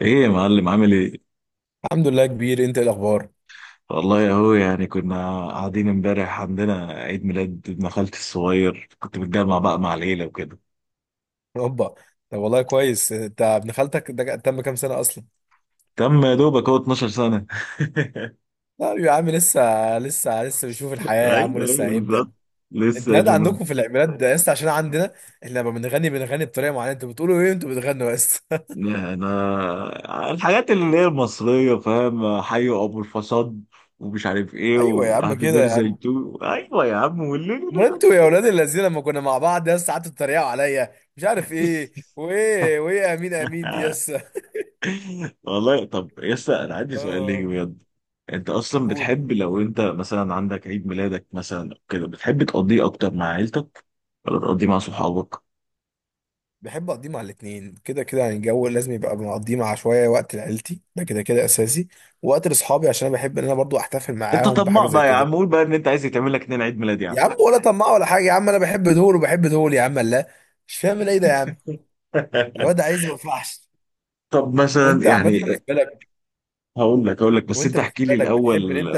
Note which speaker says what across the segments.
Speaker 1: ايه يا معلم عامل ايه؟
Speaker 2: الحمد لله. كبير، انت ايه الاخبار؟
Speaker 1: والله اهو يعني كنا قاعدين امبارح عندنا عيد ميلاد ابن خالتي الصغير، كنت متجمع بقى مع العيله وكده.
Speaker 2: اوبا. طب والله كويس. انت ابن خالتك ده تم كام سنه اصلا؟
Speaker 1: تم يا دوبك هو 12 سنه.
Speaker 2: لا يا عم لسه. لسه لسه بيشوف الحياه يا عم،
Speaker 1: ايوه ايوه
Speaker 2: لسه هيبدا.
Speaker 1: بالظبط.
Speaker 2: انت
Speaker 1: لسه يا
Speaker 2: هذا
Speaker 1: جنون.
Speaker 2: عندكم في العيد ده لسه، عشان عندنا احنا لما بنغني بنغني بطريقه معينه، انتوا بتقولوا ايه؟ انتوا بتغنوا بس؟
Speaker 1: انا الحاجات اللي هي المصريه فاهم، حيوا ابو الفساد ومش عارف ايه،
Speaker 2: ايوه يا عم،
Speaker 1: وهابي
Speaker 2: كده يا
Speaker 1: بيرثداي
Speaker 2: عم.
Speaker 1: تو، ايوه يا عم والليل.
Speaker 2: امال انتوا يا اولاد الذين لما كنا مع بعض يس، قعدتوا تتريقوا عليا مش عارف ايه وايه وايه، امين امين دي يس.
Speaker 1: والله طب يسا انا عندي سؤال ليك
Speaker 2: اه،
Speaker 1: بجد. انت اصلا
Speaker 2: قول.
Speaker 1: بتحب لو انت مثلا عندك عيد ميلادك مثلا أو كده، بتحب تقضيه اكتر مع عيلتك ولا تقضيه مع صحابك؟
Speaker 2: بحب اقضيه مع الاتنين، كده كده يعني الجو لازم يبقى. بنقضيه مع شويه، وقت لعيلتي ده كده كده اساسي، وقت لاصحابي عشان انا بحب ان انا برضو احتفل
Speaker 1: انت
Speaker 2: معاهم
Speaker 1: طماع
Speaker 2: بحاجه زي
Speaker 1: بقى يا
Speaker 2: كده.
Speaker 1: عم، قول بقى ان انت عايز يتعمل لك اتنين عيد ميلاد يا عم.
Speaker 2: يا عم ولا طماع ولا حاجه يا عم، انا بحب دول وبحب دول يا عم، لا. مش فاهم ايه ده يا عم. الواد عايز ما ينفعش.
Speaker 1: طب مثلا
Speaker 2: وانت عملت
Speaker 1: يعني.
Speaker 2: بالنسبه لك؟
Speaker 1: هقول لك بس
Speaker 2: وانت
Speaker 1: انت احكي لي
Speaker 2: بالنسبه لك
Speaker 1: الاول.
Speaker 2: بتحب ان انت؟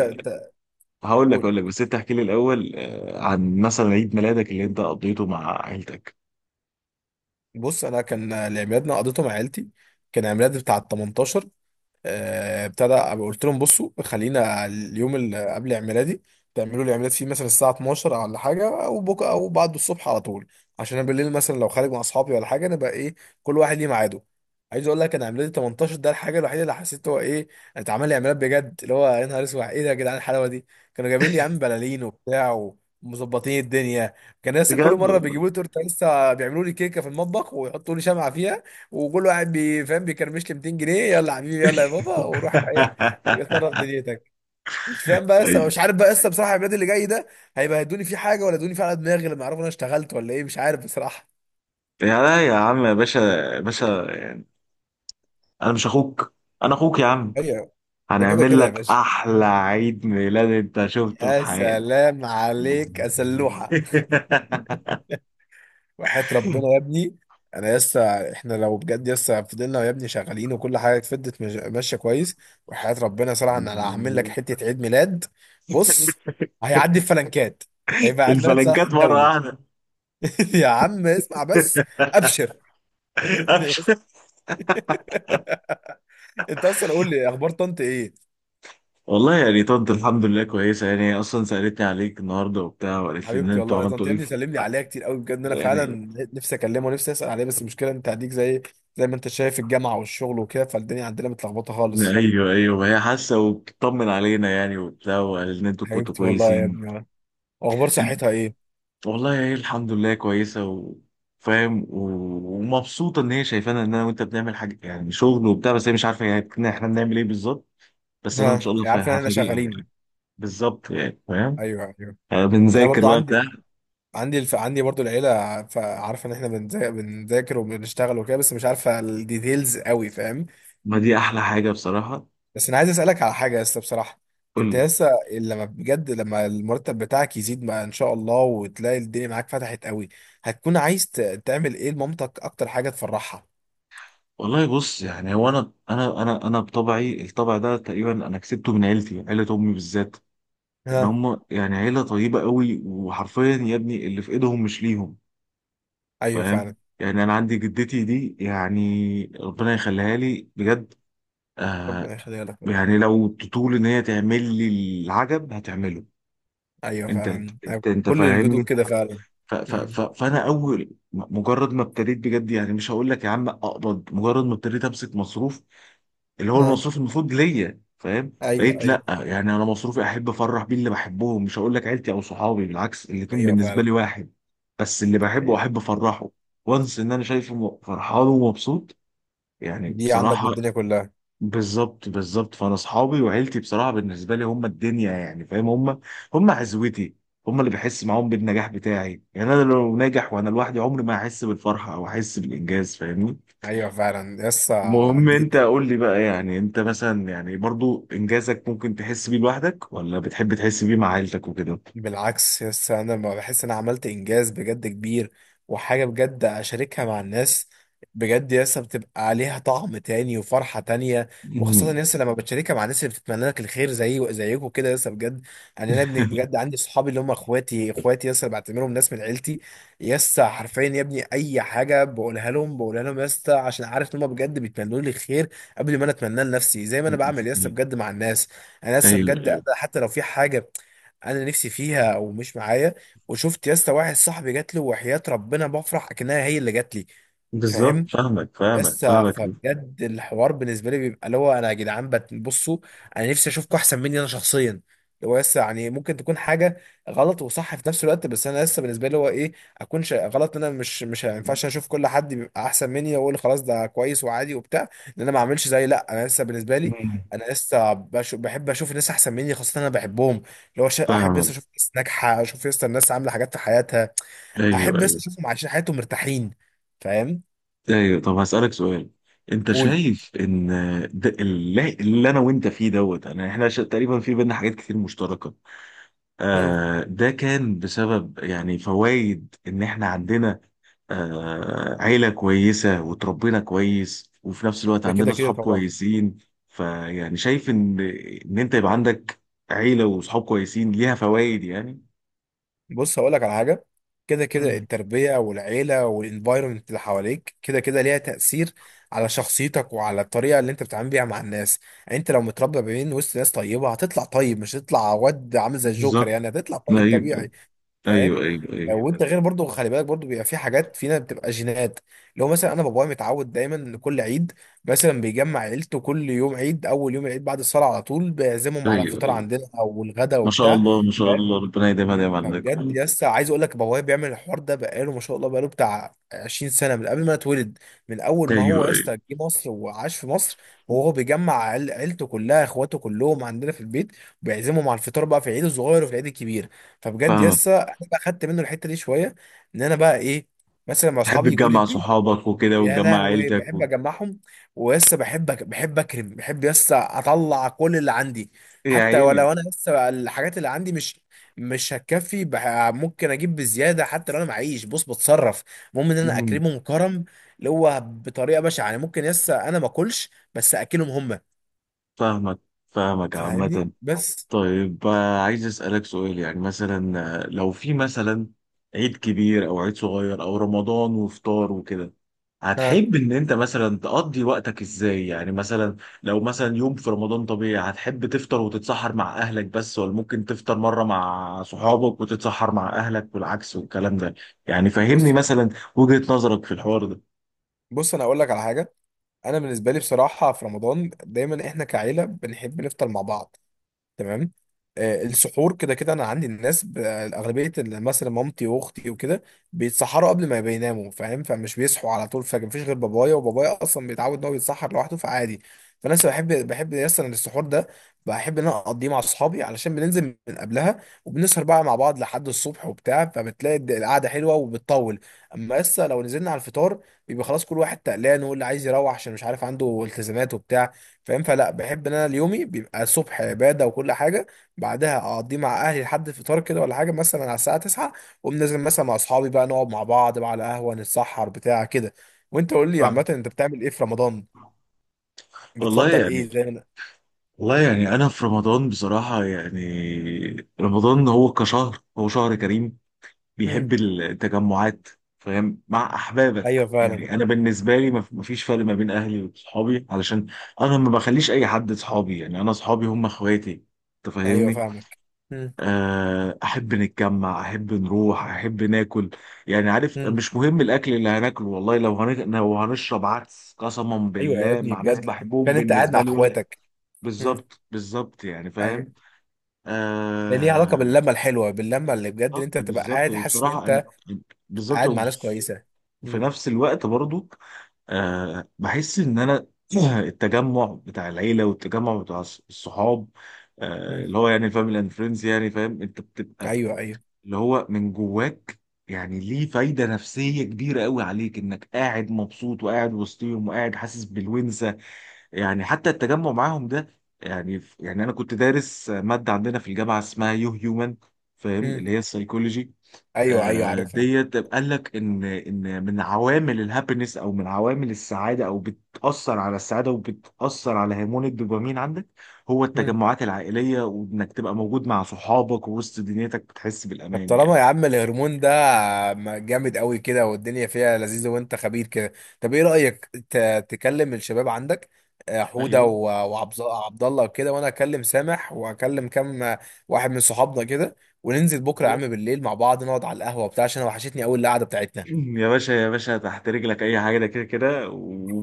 Speaker 1: هقول لك
Speaker 2: تقول.
Speaker 1: هقول لك بس انت احكي لي الاول. عن مثلا عيد ميلادك اللي انت قضيته مع عيلتك.
Speaker 2: بص، انا كان لعيادنا قضيته مع عيلتي. كان عيد ميلادي بتاع ال 18. ابتدى أبقى قلت لهم بصوا خلينا اليوم اللي قبل عيد ميلادي تعملوا لي عيد ميلاد فيه، مثلا الساعه 12 او ولا حاجه، او بكره او بعد الصبح على طول، عشان انا بالليل مثلا لو خارج مع اصحابي ولا حاجه نبقى ايه، كل واحد ليه ميعاده. عايز اقول لك انا عيد ميلادي 18 ده، الحاجه الوحيده اللي حسيت هو ايه، اتعمل لي عيد ميلاد بجد اللي هو يا نهار اسود، ايه ده يا جدعان الحلاوه دي؟ كانوا جايبين لي يا عم بلالين وبتاع، ومظبطين الدنيا. كان لسه كل
Speaker 1: بجد
Speaker 2: مره
Speaker 1: والله.
Speaker 2: بيجيبوا لي تورته، لسه بيعملوا لي كيكه في المطبخ ويحطوا لي شمعه، وكل واحد فاهم بيكرمش لي 200 جنيه، يلا يا حبيبي يلا يا بابا وروح ايه، اتصرف دنيتك. مش فاهم بقى لسه،
Speaker 1: أي.
Speaker 2: مش عارف بقى لسه بصراحه البلاد اللي جاي ده هيبهدوني فيه حاجه ولا يدوني فيه على دماغي لما يعرفوا انا اشتغلت ولا ايه، مش عارف بصراحه.
Speaker 1: يا لا يا عم يا باشا. يا باشا. انا مش اخوك. انا اخوك يا عم.
Speaker 2: ايوه. ده كده
Speaker 1: هنعمل
Speaker 2: كده يا
Speaker 1: لك
Speaker 2: باشا.
Speaker 1: احلى عيد ميلاد انت شفته في
Speaker 2: يا
Speaker 1: حياتك.
Speaker 2: سلام عليك يا سلوحه. وحياة ربنا يا ابني، انا لسه، احنا لو بجد لسه فضلنا يا ابني شغالين وكل حاجه اتفضت ماشيه كويس، وحياة ربنا صراحه ان انا هعمل لك حته عيد ميلاد. بص، هيعدي الفلنكات، هيبقى عيد ميلاد صلاح
Speaker 1: الفلنكات مره
Speaker 2: الدولي.
Speaker 1: واحده.
Speaker 2: يا عم اسمع بس. ابشر. انت اصلا قول لي اخبار طنط ايه.
Speaker 1: والله يعني طنط الحمد لله كويسه، يعني هي اصلا سالتني عليك النهارده وبتاع، وقالت لي ان
Speaker 2: حبيبتي
Speaker 1: انتوا
Speaker 2: والله
Speaker 1: عملتوا
Speaker 2: طنط، يا
Speaker 1: ايه
Speaker 2: ابني سلم لي عليها كتير قوي، بجد انا
Speaker 1: يعني.
Speaker 2: فعلا نفسي اكلمه ونفسي اسال عليه، بس المشكله انت هديك، زي ما انت شايف الجامعه والشغل وكده، فالدنيا عندنا متلخبطه خالص.
Speaker 1: ايوه ايوه، هي حاسه وبتطمن علينا يعني وبتاع، وقالت ان انتوا كنتوا
Speaker 2: حبيبتي والله يا
Speaker 1: كويسين.
Speaker 2: ابني. اخبار صحتها ايه؟
Speaker 1: والله هي الحمد لله كويسة. وفاهم ومبسوطة إن هي شايفانا إن أنا وأنت بنعمل حاجة يعني، شغل وبتاع، بس هي مش عارفة يعني إن إحنا بنعمل إيه بالظبط. بس أنا إن
Speaker 2: ها،
Speaker 1: شاء الله
Speaker 2: عارف ان احنا
Speaker 1: هفاجئها يعني.
Speaker 2: شغالين.
Speaker 1: بالظبط يعني، فاهم.
Speaker 2: ايوه ايوه. انا
Speaker 1: بنذاكر
Speaker 2: برضو
Speaker 1: بقى بتاع.
Speaker 2: عندي، عندي برضو العيله، فعارفه ان احنا بنذاكر وبنشتغل وكده، بس مش عارفه الديتيلز قوي، فاهم؟
Speaker 1: ما دي أحلى حاجة بصراحة.
Speaker 2: بس انا عايز اسالك على حاجه لسه بصراحه.
Speaker 1: قول
Speaker 2: انت
Speaker 1: لي.
Speaker 2: لسه لما بجد لما المرتب بتاعك يزيد بقى ان شاء الله وتلاقي الدنيا معاك فتحت قوي، هتكون عايز تعمل ايه لمامتك اكتر حاجه تفرحها؟
Speaker 1: والله بص، يعني هو أنا بطبعي، الطبع ده تقريبا أنا كسبته من عيلتي، عيلة أمي بالذات. إن
Speaker 2: ها.
Speaker 1: هم يعني عيلة طيبة قوي، وحرفيا يا ابني اللي في إيدهم مش ليهم.
Speaker 2: ايوه
Speaker 1: فاهم.
Speaker 2: فعلا.
Speaker 1: يعني انا عندي جدتي دي يعني، ربنا يخليها لي بجد.
Speaker 2: ربنا
Speaker 1: آه.
Speaker 2: يخليها لك يا رب.
Speaker 1: يعني لو تطول ان هي تعمل لي العجب هتعمله.
Speaker 2: ايوه
Speaker 1: انت
Speaker 2: فعلا.
Speaker 1: انت
Speaker 2: أيوة،
Speaker 1: انت
Speaker 2: كل الجدود
Speaker 1: فاهمني.
Speaker 2: كده فعلا.
Speaker 1: ف ف
Speaker 2: مم.
Speaker 1: ف فانا اول مجرد ما ابتديت بجد، يعني مش هقول لك يا عم اقبض، مجرد ما ابتديت امسك مصروف، اللي هو
Speaker 2: اه.
Speaker 1: المصروف المفروض ليا، فاهم؟
Speaker 2: ايوه
Speaker 1: بقيت
Speaker 2: ايوه.
Speaker 1: لا يعني انا مصروفي احب افرح بيه اللي بحبهم، مش هقول لك عيلتي او صحابي، بالعكس الاتنين
Speaker 2: ايوه
Speaker 1: بالنسبه
Speaker 2: فعلا.
Speaker 1: لي واحد. بس اللي بحبه
Speaker 2: ايوه،
Speaker 1: احب افرحه وانس ان انا شايفه فرحان ومبسوط، يعني
Speaker 2: دي عندك
Speaker 1: بصراحه.
Speaker 2: بالدنيا كلها.
Speaker 1: بالظبط بالظبط، فانا اصحابي وعيلتي بصراحه بالنسبه لي هم الدنيا، يعني فاهم، هم هم عزوتي، هم اللي بحس معاهم بالنجاح بتاعي. يعني انا لو ناجح وانا لوحدي عمري ما هحس بالفرحه او احس بالانجاز، فاهمني؟
Speaker 2: ايوه فعلا يسا
Speaker 1: المهم
Speaker 2: دي.
Speaker 1: انت قول لي بقى، يعني انت مثلا يعني برضو انجازك ممكن تحس بيه لوحدك، ولا بتحب تحس بيه مع عيلتك وكده؟
Speaker 2: بالعكس يس، انا ما بحس ان انا عملت انجاز بجد كبير وحاجه بجد اشاركها مع الناس، بجد يس بتبقى عليها طعم تاني وفرحه تانية،
Speaker 1: مم.
Speaker 2: وخاصه يس لما بتشاركها مع الناس اللي بتتمنى لك الخير، زي زيكم كده يس بجد. يعني انا ابني بجد عندي صحابي اللي هم اخواتي، اخواتي يس بعتبرهم ناس من عيلتي، يس حرفيا يا ابني اي حاجه بقولها لهم يس عشان عارف ان هم بجد بيتمنوا لي الخير قبل ما انا اتمناه لنفسي، زي ما انا بعمل يس بجد مع الناس. انا لسه
Speaker 1: ايوه
Speaker 2: بجد
Speaker 1: ايوه،
Speaker 2: حتى لو في حاجه انا نفسي فيها او مش معايا وشفت يا اسطى واحد صاحبي جات له، وحياة ربنا بفرح اكنها هي اللي جات لي.
Speaker 1: بالظبط
Speaker 2: فاهم؟
Speaker 1: فاهمك فاهمك
Speaker 2: يس
Speaker 1: فاهمك.
Speaker 2: فبجد الحوار بالنسبه لي بيبقى اللي هو انا، يا جدعان بصوا، انا نفسي اشوفكم احسن مني انا شخصيا، اللي هو يس يعني ممكن تكون حاجه غلط وصح في نفس الوقت، بس انا لسه بالنسبه لي هو ايه، اكون غلط، إن انا مش ما ينفعش اشوف كل حد بيبقى احسن مني واقول خلاص ده كويس وعادي وبتاع، ان انا ما اعملش زي، لا، انا لسه بالنسبه لي،
Speaker 1: مم.
Speaker 2: انا لسه بحب اشوف الناس احسن مني، خاصه انا بحبهم، اللي هو احب
Speaker 1: فاهمك.
Speaker 2: لسه اشوف ناس ناجحه، اشوف لسه الناس عامله حاجات في حياتها،
Speaker 1: ايوه
Speaker 2: احب لسه
Speaker 1: ايوه
Speaker 2: اشوفهم عايشين حياتهم مرتاحين. فاهم؟
Speaker 1: ايوه. طب هسألك سؤال. انت
Speaker 2: قول.
Speaker 1: شايف ان ده اللي انا وانت فيه دوت يعني احنا ش- تقريبا في بينا حاجات كتير مشتركة. آه ده كان بسبب يعني فوائد ان احنا عندنا عيلة كويسة وتربينا كويس، وفي نفس الوقت
Speaker 2: ده
Speaker 1: عندنا
Speaker 2: كده كده
Speaker 1: صحاب
Speaker 2: طبعا.
Speaker 1: كويسين. فيعني شايف إن أنت يبقى عندك عيلة وصحاب كويسين، ليها فوائد يعني.
Speaker 2: بص هقول لك على حاجه. كده كده
Speaker 1: مم.
Speaker 2: التربيه والعيله والانفايرمنت اللي حواليك كده كده ليها تاثير على شخصيتك وعلى الطريقه اللي انت بتتعامل بيها مع الناس. يعني انت لو متربى بين وسط ناس طيبه هتطلع طيب، مش هتطلع واد عامل زي الجوكر،
Speaker 1: بالظبط.
Speaker 2: يعني هتطلع طيب
Speaker 1: أيوه
Speaker 2: طبيعي. فاهم؟
Speaker 1: أيوه أيوه أيوه
Speaker 2: وانت غير برضو، خلي بالك برضو بيبقى في حاجات فينا بتبقى جينات. لو مثلا انا بابايا متعود دايما ان كل عيد مثلا بيجمع عيلته، كل يوم عيد اول يوم العيد بعد الصلاه على طول بيعزمهم على
Speaker 1: أيوه
Speaker 2: الفطار
Speaker 1: أيوه.
Speaker 2: عندنا او الغدا
Speaker 1: ما شاء
Speaker 2: وبتاع.
Speaker 1: الله ما شاء الله، ربنا يديمها دايما عليك.
Speaker 2: بجد
Speaker 1: أيوه
Speaker 2: يا اسطى عايز اقول لك بابايا بيعمل الحوار ده بقاله ما شاء الله، بقاله بتاع 20 سنه من قبل ما أنا اتولد، من اول ما هو
Speaker 1: أيوه
Speaker 2: يا اسطى جه مصر وعاش في مصر، وهو بيجمع عيلته كلها، اخواته كلهم عندنا في البيت وبيعزمهم على الفطار بقى في العيد الصغير وفي العيد الكبير. فبجد يا
Speaker 1: فاهمك.
Speaker 2: اسطى انا بقى خدت منه الحته دي شويه، ان انا بقى ايه، مثلا مع
Speaker 1: تحب
Speaker 2: اصحابي يجوا لي.
Speaker 1: تجمع صحابك وكده
Speaker 2: يا
Speaker 1: وتجمع
Speaker 2: لهوي
Speaker 1: عيلتك
Speaker 2: بحب
Speaker 1: و...
Speaker 2: اجمعهم، ولسه بحب اكرم، بحب لسه اطلع كل اللي عندي.
Speaker 1: يا
Speaker 2: حتى
Speaker 1: عيني.
Speaker 2: ولو انا لسه الحاجات اللي عندي مش، هتكفي ممكن اجيب بزياده، حتى لو انا معيش بص بتصرف، المهم ان انا
Speaker 1: مم.
Speaker 2: اكرمهم كرم اللي هو بطريقه بشعه، يعني ممكن لسه انا ما اكلش بس اكلهم هم.
Speaker 1: فاهمك فاهمك عامة.
Speaker 2: فاهمني؟ بس.
Speaker 1: طيب، عايز أسألك سؤال، يعني مثلا، لو في مثلا عيد كبير أو عيد صغير أو رمضان وفطار وكده،
Speaker 2: ها.
Speaker 1: هتحب إن أنت مثلا تقضي وقتك إزاي يعني؟ مثلا لو مثلا يوم في رمضان طبيعي، هتحب تفطر وتتسحر مع أهلك بس، ولا ممكن تفطر مرة مع صحابك وتتسحر مع أهلك والعكس والكلام ده؟ يعني فهمني
Speaker 2: بص.
Speaker 1: مثلا وجهة نظرك في الحوار ده.
Speaker 2: انا اقول لك على حاجه. انا بالنسبه لي بصراحه في رمضان دايما احنا كعيله بنحب نفطر مع بعض، تمام؟ السحور كده كده انا عندي الناس اغلبيه مثلا مامتي واختي وكده بيتسحروا قبل ما بيناموا، فاهم؟ فمش بيصحوا على طول فجاه، مفيش غير بابايا، وبابايا اصلا بيتعود ان هو يتسحر لوحده فعادي. فانا لسه بحب مثلا السحور ده بحب ان انا اقضيه مع اصحابي، علشان بننزل من قبلها وبنسهر بقى مع بعض لحد الصبح وبتاع، فبتلاقي القعده حلوه وبتطول. اما لسه لو نزلنا على الفطار بيبقى خلاص كل واحد تقلان، واللي عايز يروح عشان مش عارف عنده التزامات وبتاع، فاهم؟ فلا، بحب ان انا اليومي بيبقى الصبح عباده وكل حاجه، بعدها اقضيه مع اهلي لحد الفطار كده ولا حاجه، مثلا على الساعه 9 واقوم نازل مثلا مع اصحابي بقى، نقعد مع بعض بقى على قهوه نتسحر بتاع كده. وانت قول لي عامه
Speaker 1: فاهم.
Speaker 2: انت بتعمل ايه في رمضان؟
Speaker 1: والله
Speaker 2: بتفضل ايه
Speaker 1: يعني.
Speaker 2: زي ما؟
Speaker 1: والله يعني انا في رمضان بصراحه، يعني رمضان هو شهر كريم،
Speaker 2: مم.
Speaker 1: بيحب التجمعات. فاهم مع
Speaker 2: ايوه
Speaker 1: احبابك.
Speaker 2: فعلا.
Speaker 1: يعني انا بالنسبه لي مفيش فرق ما بين اهلي وصحابي، علشان انا ما بخليش اي حد صحابي، يعني انا صحابي هم اخواتي. انت
Speaker 2: ايوه
Speaker 1: فاهمني.
Speaker 2: فاهمك. مم.
Speaker 1: احب نتجمع احب نروح احب ناكل، يعني عارف
Speaker 2: مم.
Speaker 1: مش مهم الاكل اللي هناكله. والله لو لو هنشرب عدس قسما
Speaker 2: ايوه يا
Speaker 1: بالله
Speaker 2: ابني
Speaker 1: مع ناس
Speaker 2: بجد.
Speaker 1: بحبهم
Speaker 2: كان انت قاعد مع
Speaker 1: بالنسبه لي، ولا
Speaker 2: اخواتك. مم.
Speaker 1: بالظبط بالظبط يعني
Speaker 2: ايوه.
Speaker 1: فاهم.
Speaker 2: ده ليه علاقه
Speaker 1: آه
Speaker 2: باللمه الحلوه، باللمه اللي بجد ان انت
Speaker 1: بالظبط
Speaker 2: تبقى
Speaker 1: بالظبط
Speaker 2: قاعد حاسس ان
Speaker 1: وبصراحه
Speaker 2: انت
Speaker 1: انا بالظبط.
Speaker 2: قاعد مع ناس كويسه.
Speaker 1: وفي
Speaker 2: مم.
Speaker 1: نفس الوقت برضو، بحس ان انا التجمع بتاع العيله والتجمع بتاع الصحاب،
Speaker 2: مم.
Speaker 1: اللي هو يعني الفاميلي اند فريندز يعني، فاهم انت بتبقى
Speaker 2: ايوه ايوه.
Speaker 1: اللي هو من جواك، يعني ليه فايده نفسيه كبيره قوي عليك، انك قاعد مبسوط وقاعد وسطيهم وقاعد حاسس بالونسه. يعني حتى التجمع معاهم ده، يعني انا كنت دارس ماده عندنا في الجامعه اسمها يو هيومن، فاهم اللي هي السايكولوجي.
Speaker 2: ايوه ايوه عارفها.
Speaker 1: ديت قال لك ان من عوامل الهابينس او من عوامل السعاده، او بتاثر على السعاده وبتاثر على هرمون الدوبامين عندك، هو
Speaker 2: مم.
Speaker 1: التجمعات العائليه، وانك تبقى موجود مع صحابك ووسط دنيتك بتحس
Speaker 2: طب
Speaker 1: بالامان
Speaker 2: طالما
Speaker 1: يعني.
Speaker 2: يا عم الهرمون ده جامد قوي كده والدنيا فيها لذيذة وانت خبير كده، طب ايه رأيك تكلم الشباب عندك، حودة
Speaker 1: ايوه.
Speaker 2: عبد الله وكده، وانا اكلم سامح واكلم كام واحد من صحابنا كده، وننزل بكرة يا
Speaker 1: أيوة.
Speaker 2: عم بالليل مع بعض، نقعد على القهوة بتاع، عشان أنا وحشتني قوي القعدة بتاعتنا.
Speaker 1: يا باشا يا باشا، تحت رجلك اي حاجه، ده كده كده،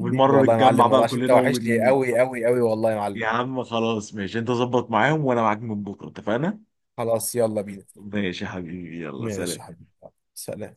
Speaker 2: حبيبي والله يا
Speaker 1: نتجمع
Speaker 2: معلم،
Speaker 1: بقى
Speaker 2: والله عشان انت
Speaker 1: كلنا
Speaker 2: وحشني قوي قوي قوي والله يا معلم.
Speaker 1: يا عم خلاص، ماشي، انت ظبط معاهم وانا معاك من بكره، اتفقنا.
Speaker 2: خلاص يلا بينا.
Speaker 1: ماشي يا حبيبي، يلا
Speaker 2: ماشي
Speaker 1: سلام.
Speaker 2: يا حبيبي، سلام.